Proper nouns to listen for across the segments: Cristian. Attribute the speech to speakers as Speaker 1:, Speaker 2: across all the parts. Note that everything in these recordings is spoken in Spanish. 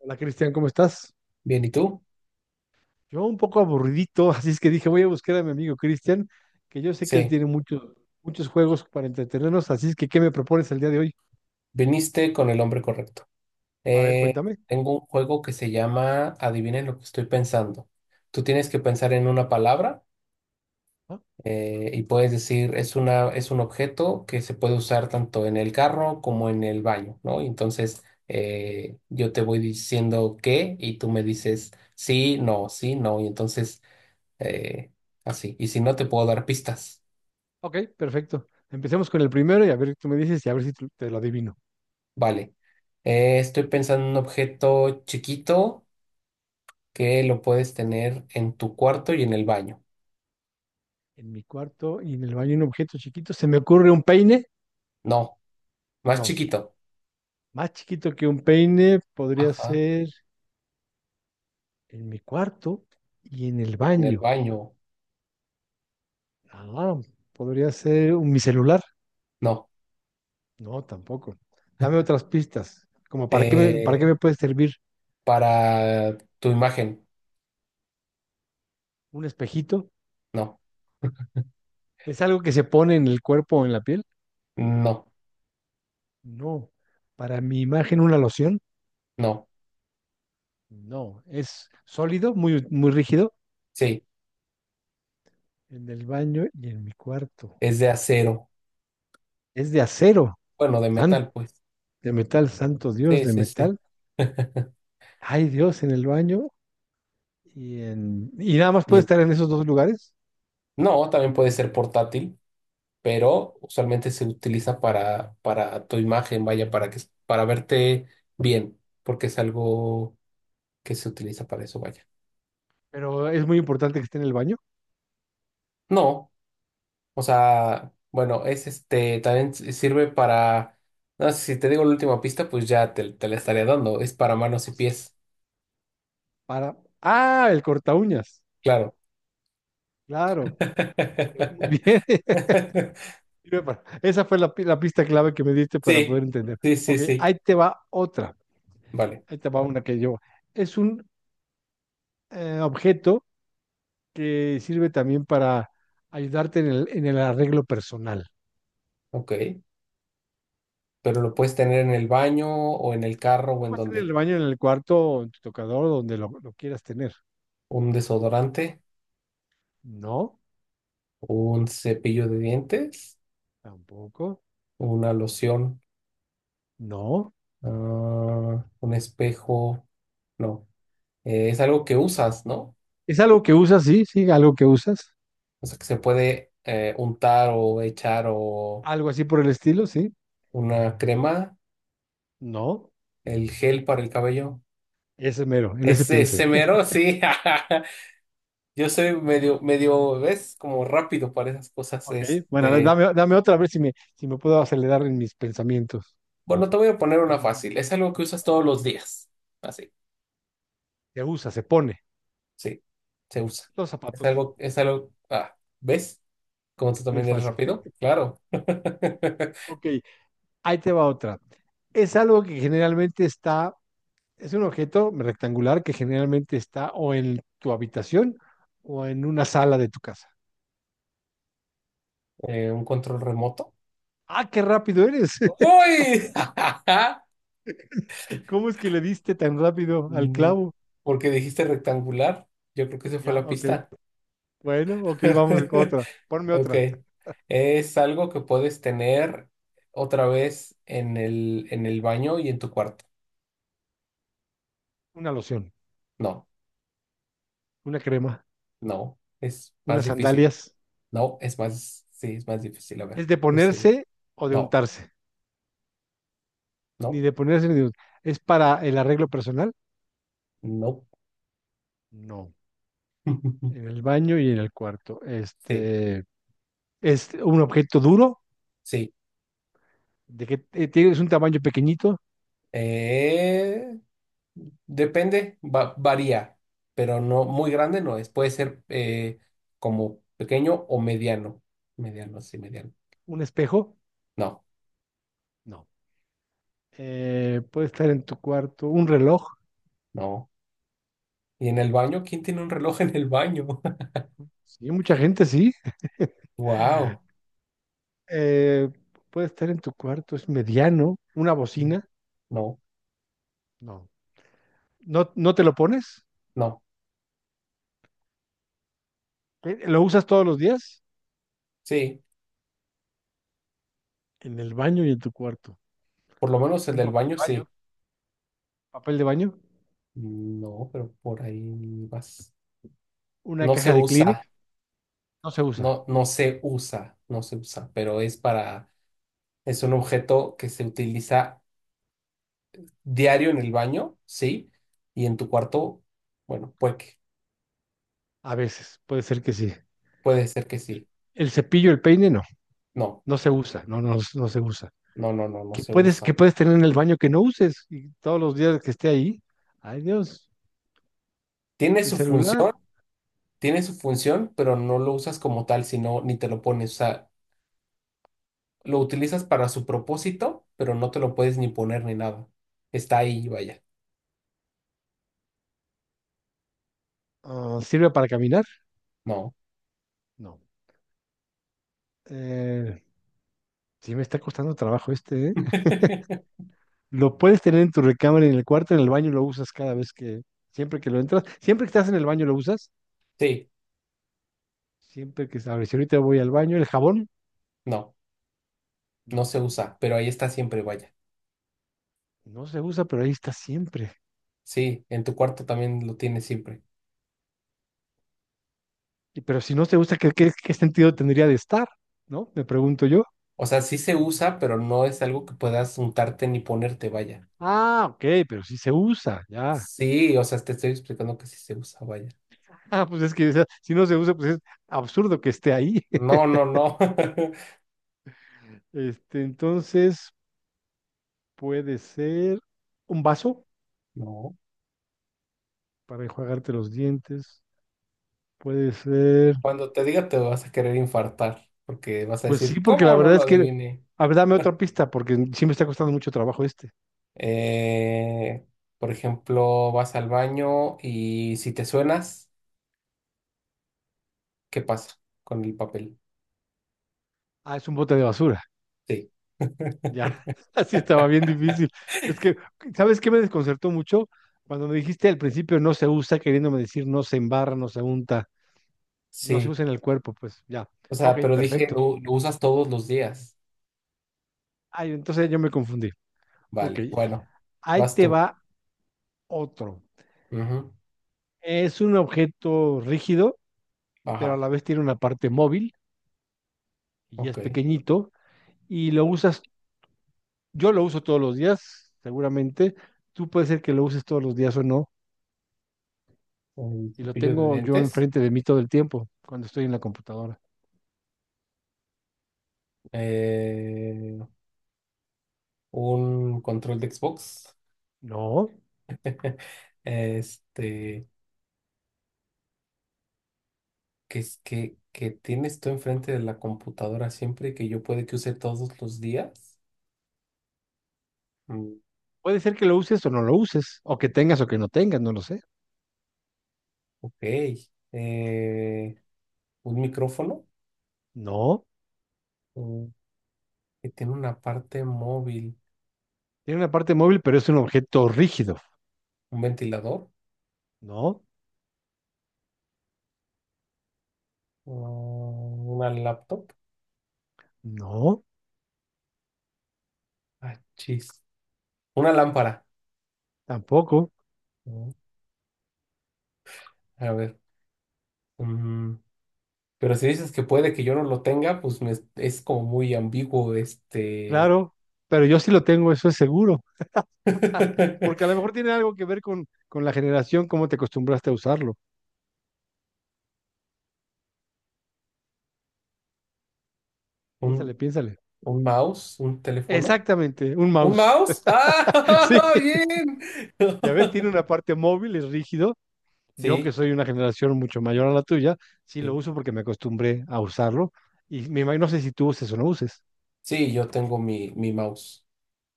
Speaker 1: Hola Cristian, ¿cómo estás?
Speaker 2: Bien, ¿y tú?
Speaker 1: Yo un poco aburridito, así es que dije, voy a buscar a mi amigo Cristian, que yo sé que él
Speaker 2: Sí,
Speaker 1: tiene muchos juegos para entretenernos, así es que ¿qué me propones el día de hoy?
Speaker 2: viniste con el hombre correcto.
Speaker 1: A ver, cuéntame.
Speaker 2: Tengo un juego que se llama Adivinen lo que estoy pensando. Tú tienes que
Speaker 1: ¿Sí?
Speaker 2: pensar en una palabra
Speaker 1: Ah,
Speaker 2: y puedes decir es una, es un objeto que se puede usar tanto en el carro como en el baño, ¿no? Y entonces yo te voy diciendo qué y tú me dices sí, no, sí, no. Y entonces eh, así. Y si no, te puedo dar pistas.
Speaker 1: ok, perfecto. Empecemos con el primero y a ver, tú me dices y a ver si tú- te lo adivino.
Speaker 2: Vale. Estoy pensando en un objeto chiquito que lo puedes tener en tu cuarto y en el baño.
Speaker 1: En mi cuarto y en el baño hay un objeto chiquito. ¿Se me ocurre un peine?
Speaker 2: No, más
Speaker 1: No,
Speaker 2: chiquito.
Speaker 1: más chiquito que un peine podría
Speaker 2: Ajá,
Speaker 1: ser en mi cuarto y en el
Speaker 2: en el
Speaker 1: baño.
Speaker 2: baño.
Speaker 1: Ah, podría ser mi celular.
Speaker 2: No.
Speaker 1: No, tampoco. Dame otras pistas. Como para qué
Speaker 2: Eh,
Speaker 1: me puede servir
Speaker 2: para tu imagen.
Speaker 1: ¿un espejito?
Speaker 2: No,
Speaker 1: ¿Es algo que se pone en el cuerpo o en la piel?
Speaker 2: no,
Speaker 1: No. ¿Para mi imagen una loción?
Speaker 2: no.
Speaker 1: No. ¿Es sólido, muy, muy rígido?
Speaker 2: Sí,
Speaker 1: En el baño y en mi cuarto.
Speaker 2: es de acero.
Speaker 1: ¿Es de acero?
Speaker 2: Bueno, de
Speaker 1: san-
Speaker 2: metal, pues.
Speaker 1: de metal, santo Dios,
Speaker 2: Sí,
Speaker 1: de
Speaker 2: sí, sí.
Speaker 1: metal. Hay Dios, en el baño y en... Y nada más
Speaker 2: Y
Speaker 1: puede
Speaker 2: en-
Speaker 1: estar en esos dos lugares,
Speaker 2: no, también puede ser portátil, pero usualmente se utiliza para tu imagen, vaya, para que, para verte bien, porque es algo que se utiliza para eso, vaya.
Speaker 1: pero es muy importante que esté en el baño
Speaker 2: No. O sea, bueno, es este, también sirve para, no sé, si te digo la última pista, pues ya te la estaría dando, es para manos y pies,
Speaker 1: para... Ah, el corta uñas.
Speaker 2: claro.
Speaker 1: Claro. Ok, muy bien. Sirve para... Esa fue la, la pista clave que me diste para
Speaker 2: Sí,
Speaker 1: poder entender.
Speaker 2: sí, sí,
Speaker 1: Ok,
Speaker 2: sí,
Speaker 1: ahí te va otra.
Speaker 2: vale,
Speaker 1: Ahí te va una que yo. Es un objeto que sirve también para ayudarte en en el arreglo personal.
Speaker 2: ok. Pero lo puedes tener en el baño o en el carro
Speaker 1: Lo
Speaker 2: o en
Speaker 1: puedes tener en el
Speaker 2: donde.
Speaker 1: baño, en el cuarto, o en tu tocador, donde lo quieras tener.
Speaker 2: Un desodorante,
Speaker 1: No,
Speaker 2: un cepillo de dientes,
Speaker 1: tampoco.
Speaker 2: una loción,
Speaker 1: No.
Speaker 2: ah, un espejo, no. Es algo que usas, ¿no?
Speaker 1: ¿Es algo que usas? Sí, sí, algo que usas.
Speaker 2: O sea, que se puede untar o echar o
Speaker 1: Algo así por el estilo, sí.
Speaker 2: una crema,
Speaker 1: No.
Speaker 2: el gel para el cabello.
Speaker 1: Ese mero, en ese
Speaker 2: Ese,
Speaker 1: pensé.
Speaker 2: ese mero, sí. Yo soy medio, ¿ves? Como rápido para esas cosas.
Speaker 1: Ok, bueno, a ver,
Speaker 2: Este,
Speaker 1: dame otra, a ver si me puedo acelerar en mis pensamientos.
Speaker 2: bueno, te voy a poner una fácil. Es algo que usas todos los días. Así,
Speaker 1: Se usa, se pone.
Speaker 2: sí, se usa.
Speaker 1: Los zapatos,
Speaker 2: Es algo, ah, ¿ves? Como tú
Speaker 1: muy
Speaker 2: también eres
Speaker 1: fácil.
Speaker 2: rápido, claro.
Speaker 1: Ok, ahí te va otra. Es algo que es un objeto rectangular que generalmente está o en tu habitación o en una sala de tu casa.
Speaker 2: Un control remoto.
Speaker 1: Ah, qué rápido eres.
Speaker 2: ¡Uy!
Speaker 1: ¿Cómo es que le diste tan rápido al
Speaker 2: Mm,
Speaker 1: clavo?
Speaker 2: porque dijiste rectangular, yo creo que esa fue
Speaker 1: Ya,
Speaker 2: la
Speaker 1: ok.
Speaker 2: pista.
Speaker 1: Bueno, ok, vamos con otra. Ponme
Speaker 2: Ok.
Speaker 1: otra.
Speaker 2: Es algo que puedes tener otra vez en el baño y en tu cuarto.
Speaker 1: Una loción,
Speaker 2: No,
Speaker 1: una crema,
Speaker 2: no, es más
Speaker 1: unas
Speaker 2: difícil.
Speaker 1: sandalias.
Speaker 2: No, es más, sí, es más difícil. A
Speaker 1: ¿Es
Speaker 2: ver,
Speaker 1: de
Speaker 2: tú sigue.
Speaker 1: ponerse o de
Speaker 2: No,
Speaker 1: untarse? Ni
Speaker 2: no,
Speaker 1: de ponerse ni de untarse. ¿Es para el arreglo personal?
Speaker 2: no.
Speaker 1: No. En el baño y en el cuarto.
Speaker 2: Sí,
Speaker 1: Este, es un objeto duro,
Speaker 2: sí.
Speaker 1: de que es un tamaño pequeñito,
Speaker 2: Eh, Depende, varía, pero no muy grande no es. Puede ser como pequeño o mediano. Mediano, sí, mediano.
Speaker 1: un espejo.
Speaker 2: No,
Speaker 1: No. Puede estar en tu cuarto, un reloj.
Speaker 2: no. ¿Y en el baño? ¿Quién tiene un reloj en el baño?
Speaker 1: Sí, mucha gente sí.
Speaker 2: Wow.
Speaker 1: Eh, puede estar en tu cuarto, es mediano, una bocina.
Speaker 2: No,
Speaker 1: No. ¿No, no te lo pones?
Speaker 2: no.
Speaker 1: ¿Eh, lo usas todos los días?
Speaker 2: Sí,
Speaker 1: En el baño y en tu cuarto.
Speaker 2: por lo menos el
Speaker 1: Un
Speaker 2: del baño sí.
Speaker 1: papel de baño,
Speaker 2: No, pero por ahí vas.
Speaker 1: una
Speaker 2: No se
Speaker 1: caja de
Speaker 2: usa,
Speaker 1: Kleenex, no se usa.
Speaker 2: no, no se usa, no se usa, pero es para, es un objeto que se utiliza diario en el baño, sí, y en tu cuarto, bueno,
Speaker 1: A veces, puede ser que sí.
Speaker 2: puede ser que
Speaker 1: El,
Speaker 2: sí.
Speaker 1: el cepillo, el peine, no,
Speaker 2: No,
Speaker 1: no se usa, no se usa.
Speaker 2: no, no, no, no
Speaker 1: ¿Qué
Speaker 2: se usa.
Speaker 1: qué puedes tener en el baño que no uses? Y todos los días que esté ahí, ay Dios,
Speaker 2: Tiene
Speaker 1: el
Speaker 2: su
Speaker 1: celular,
Speaker 2: función, tiene su función, pero no lo usas como tal, sino ni te lo pones, o sea, lo utilizas para su propósito, pero no te lo puedes ni poner ni nada. Está ahí, vaya.
Speaker 1: ah, sirve para caminar.
Speaker 2: No.
Speaker 1: No. Eh, sí me está costando trabajo este, ¿eh? Lo puedes tener en tu recámara, en el cuarto, en el baño lo usas siempre que lo entras, siempre que estás en el baño lo usas,
Speaker 2: Sí,
Speaker 1: a ver, si ahorita voy al baño, el jabón,
Speaker 2: no, no
Speaker 1: no,
Speaker 2: se usa, pero ahí está siempre, vaya.
Speaker 1: no se usa, pero ahí está siempre.
Speaker 2: Sí, en tu cuarto también lo tienes siempre.
Speaker 1: Y, pero si no se usa, qué sentido tendría de estar? ¿No? Me pregunto yo.
Speaker 2: O sea, sí se usa, pero no es algo que puedas untarte ni ponerte, vaya.
Speaker 1: Ah, ok, pero sí se usa, ya.
Speaker 2: Sí, o sea, te estoy explicando que sí se usa, vaya.
Speaker 1: Ah, pues es que o sea, si no se usa, pues es absurdo que esté ahí.
Speaker 2: No, no, no.
Speaker 1: Este, entonces puede ser un vaso
Speaker 2: No.
Speaker 1: para enjuagarte los dientes. Puede ser,
Speaker 2: Cuando te diga te vas a querer infartar, porque vas a
Speaker 1: pues sí,
Speaker 2: decir,
Speaker 1: porque la
Speaker 2: ¿cómo no
Speaker 1: verdad
Speaker 2: lo
Speaker 1: es que,
Speaker 2: adiviné?
Speaker 1: a ver, dame otra pista, porque sí me está costando mucho trabajo este.
Speaker 2: Eh, por ejemplo, vas al baño y si te suenas, ¿qué pasa con el papel?
Speaker 1: Ah, es un bote de basura.
Speaker 2: Sí,
Speaker 1: Ya, así estaba bien difícil. Es que, ¿sabes qué me desconcertó mucho? Cuando me dijiste al principio no se usa, queriéndome decir no se embarra, no se unta, no se
Speaker 2: sí.
Speaker 1: usa en el cuerpo, pues ya.
Speaker 2: O sea,
Speaker 1: Ok,
Speaker 2: pero dije,
Speaker 1: perfecto.
Speaker 2: lo usas todos los días.
Speaker 1: Ay, entonces yo me confundí. Ok,
Speaker 2: Vale, bueno,
Speaker 1: ahí
Speaker 2: vas
Speaker 1: te
Speaker 2: tú.
Speaker 1: va otro.
Speaker 2: Ujú,
Speaker 1: Es un objeto rígido, pero a
Speaker 2: ajá,
Speaker 1: la vez tiene una parte móvil y es
Speaker 2: ok.
Speaker 1: pequeñito y lo usas, yo lo uso todos los días, seguramente. Tú puede ser que lo uses todos los días o no,
Speaker 2: El
Speaker 1: y lo
Speaker 2: cepillo de
Speaker 1: tengo yo
Speaker 2: dientes.
Speaker 1: enfrente de mí todo el tiempo cuando estoy en la computadora.
Speaker 2: Eh, un control de Xbox,
Speaker 1: No,
Speaker 2: este, que es que tienes tú enfrente de la computadora siempre y que yo puede que use todos los días. Mm,
Speaker 1: puede ser que lo uses o no lo uses, o que tengas o que no tengas, no lo sé.
Speaker 2: ok. Eh, un micrófono,
Speaker 1: No,
Speaker 2: mm, que tiene una parte móvil,
Speaker 1: tiene una parte móvil, pero es un objeto rígido.
Speaker 2: un ventilador,
Speaker 1: No,
Speaker 2: mm, una laptop.
Speaker 1: no,
Speaker 2: Ah, chis. Una lámpara.
Speaker 1: tampoco,
Speaker 2: Mm, A ver. mm, Pero si dices que puede que yo no lo tenga, pues es como muy ambiguo este.
Speaker 1: claro, pero yo sí lo tengo, eso es seguro, porque a lo mejor tiene algo que ver con la generación, cómo te acostumbraste a usarlo. Piénsale,
Speaker 2: Un,
Speaker 1: piénsale.
Speaker 2: ¿un mouse? ¿Un teléfono?
Speaker 1: Exactamente, un
Speaker 2: ¿Un
Speaker 1: mouse.
Speaker 2: mouse? ¡Ah!
Speaker 1: Sí,
Speaker 2: ¡Bien!
Speaker 1: ya ves, tiene una parte móvil, es rígido. Yo que
Speaker 2: Sí,
Speaker 1: soy una generación mucho mayor a la tuya, sí lo
Speaker 2: sí.
Speaker 1: uso porque me acostumbré a usarlo y me imagino, no sé si tú uses o no uses.
Speaker 2: Sí, yo tengo mi, mi mouse.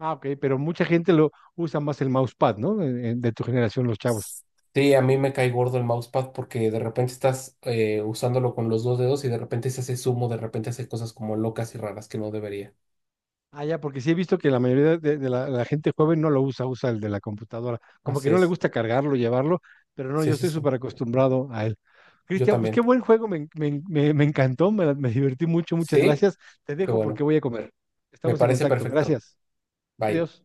Speaker 1: Ah, ok, pero mucha gente lo usa más el mousepad, ¿no? De tu generación, los chavos.
Speaker 2: S- Sí, a mí me cae gordo el mousepad porque de repente estás usándolo con los dos dedos y de repente se hace zumo, de repente hace cosas como locas y raras que no debería.
Speaker 1: Ah, ya, porque sí he visto que la mayoría de la gente joven no lo usa, usa el de la computadora. Como que
Speaker 2: Así
Speaker 1: no le
Speaker 2: es.
Speaker 1: gusta cargarlo, llevarlo, pero no, yo
Speaker 2: Sí, sí,
Speaker 1: estoy
Speaker 2: sí.
Speaker 1: súper acostumbrado a él.
Speaker 2: Yo
Speaker 1: Cristian, pues qué
Speaker 2: también.
Speaker 1: buen juego, me encantó, me divertí mucho, muchas
Speaker 2: Sí,
Speaker 1: gracias. Te
Speaker 2: qué
Speaker 1: dejo
Speaker 2: bueno.
Speaker 1: porque voy a comer.
Speaker 2: Me
Speaker 1: Estamos en
Speaker 2: parece
Speaker 1: contacto,
Speaker 2: perfecto.
Speaker 1: gracias.
Speaker 2: Bye.
Speaker 1: Adiós.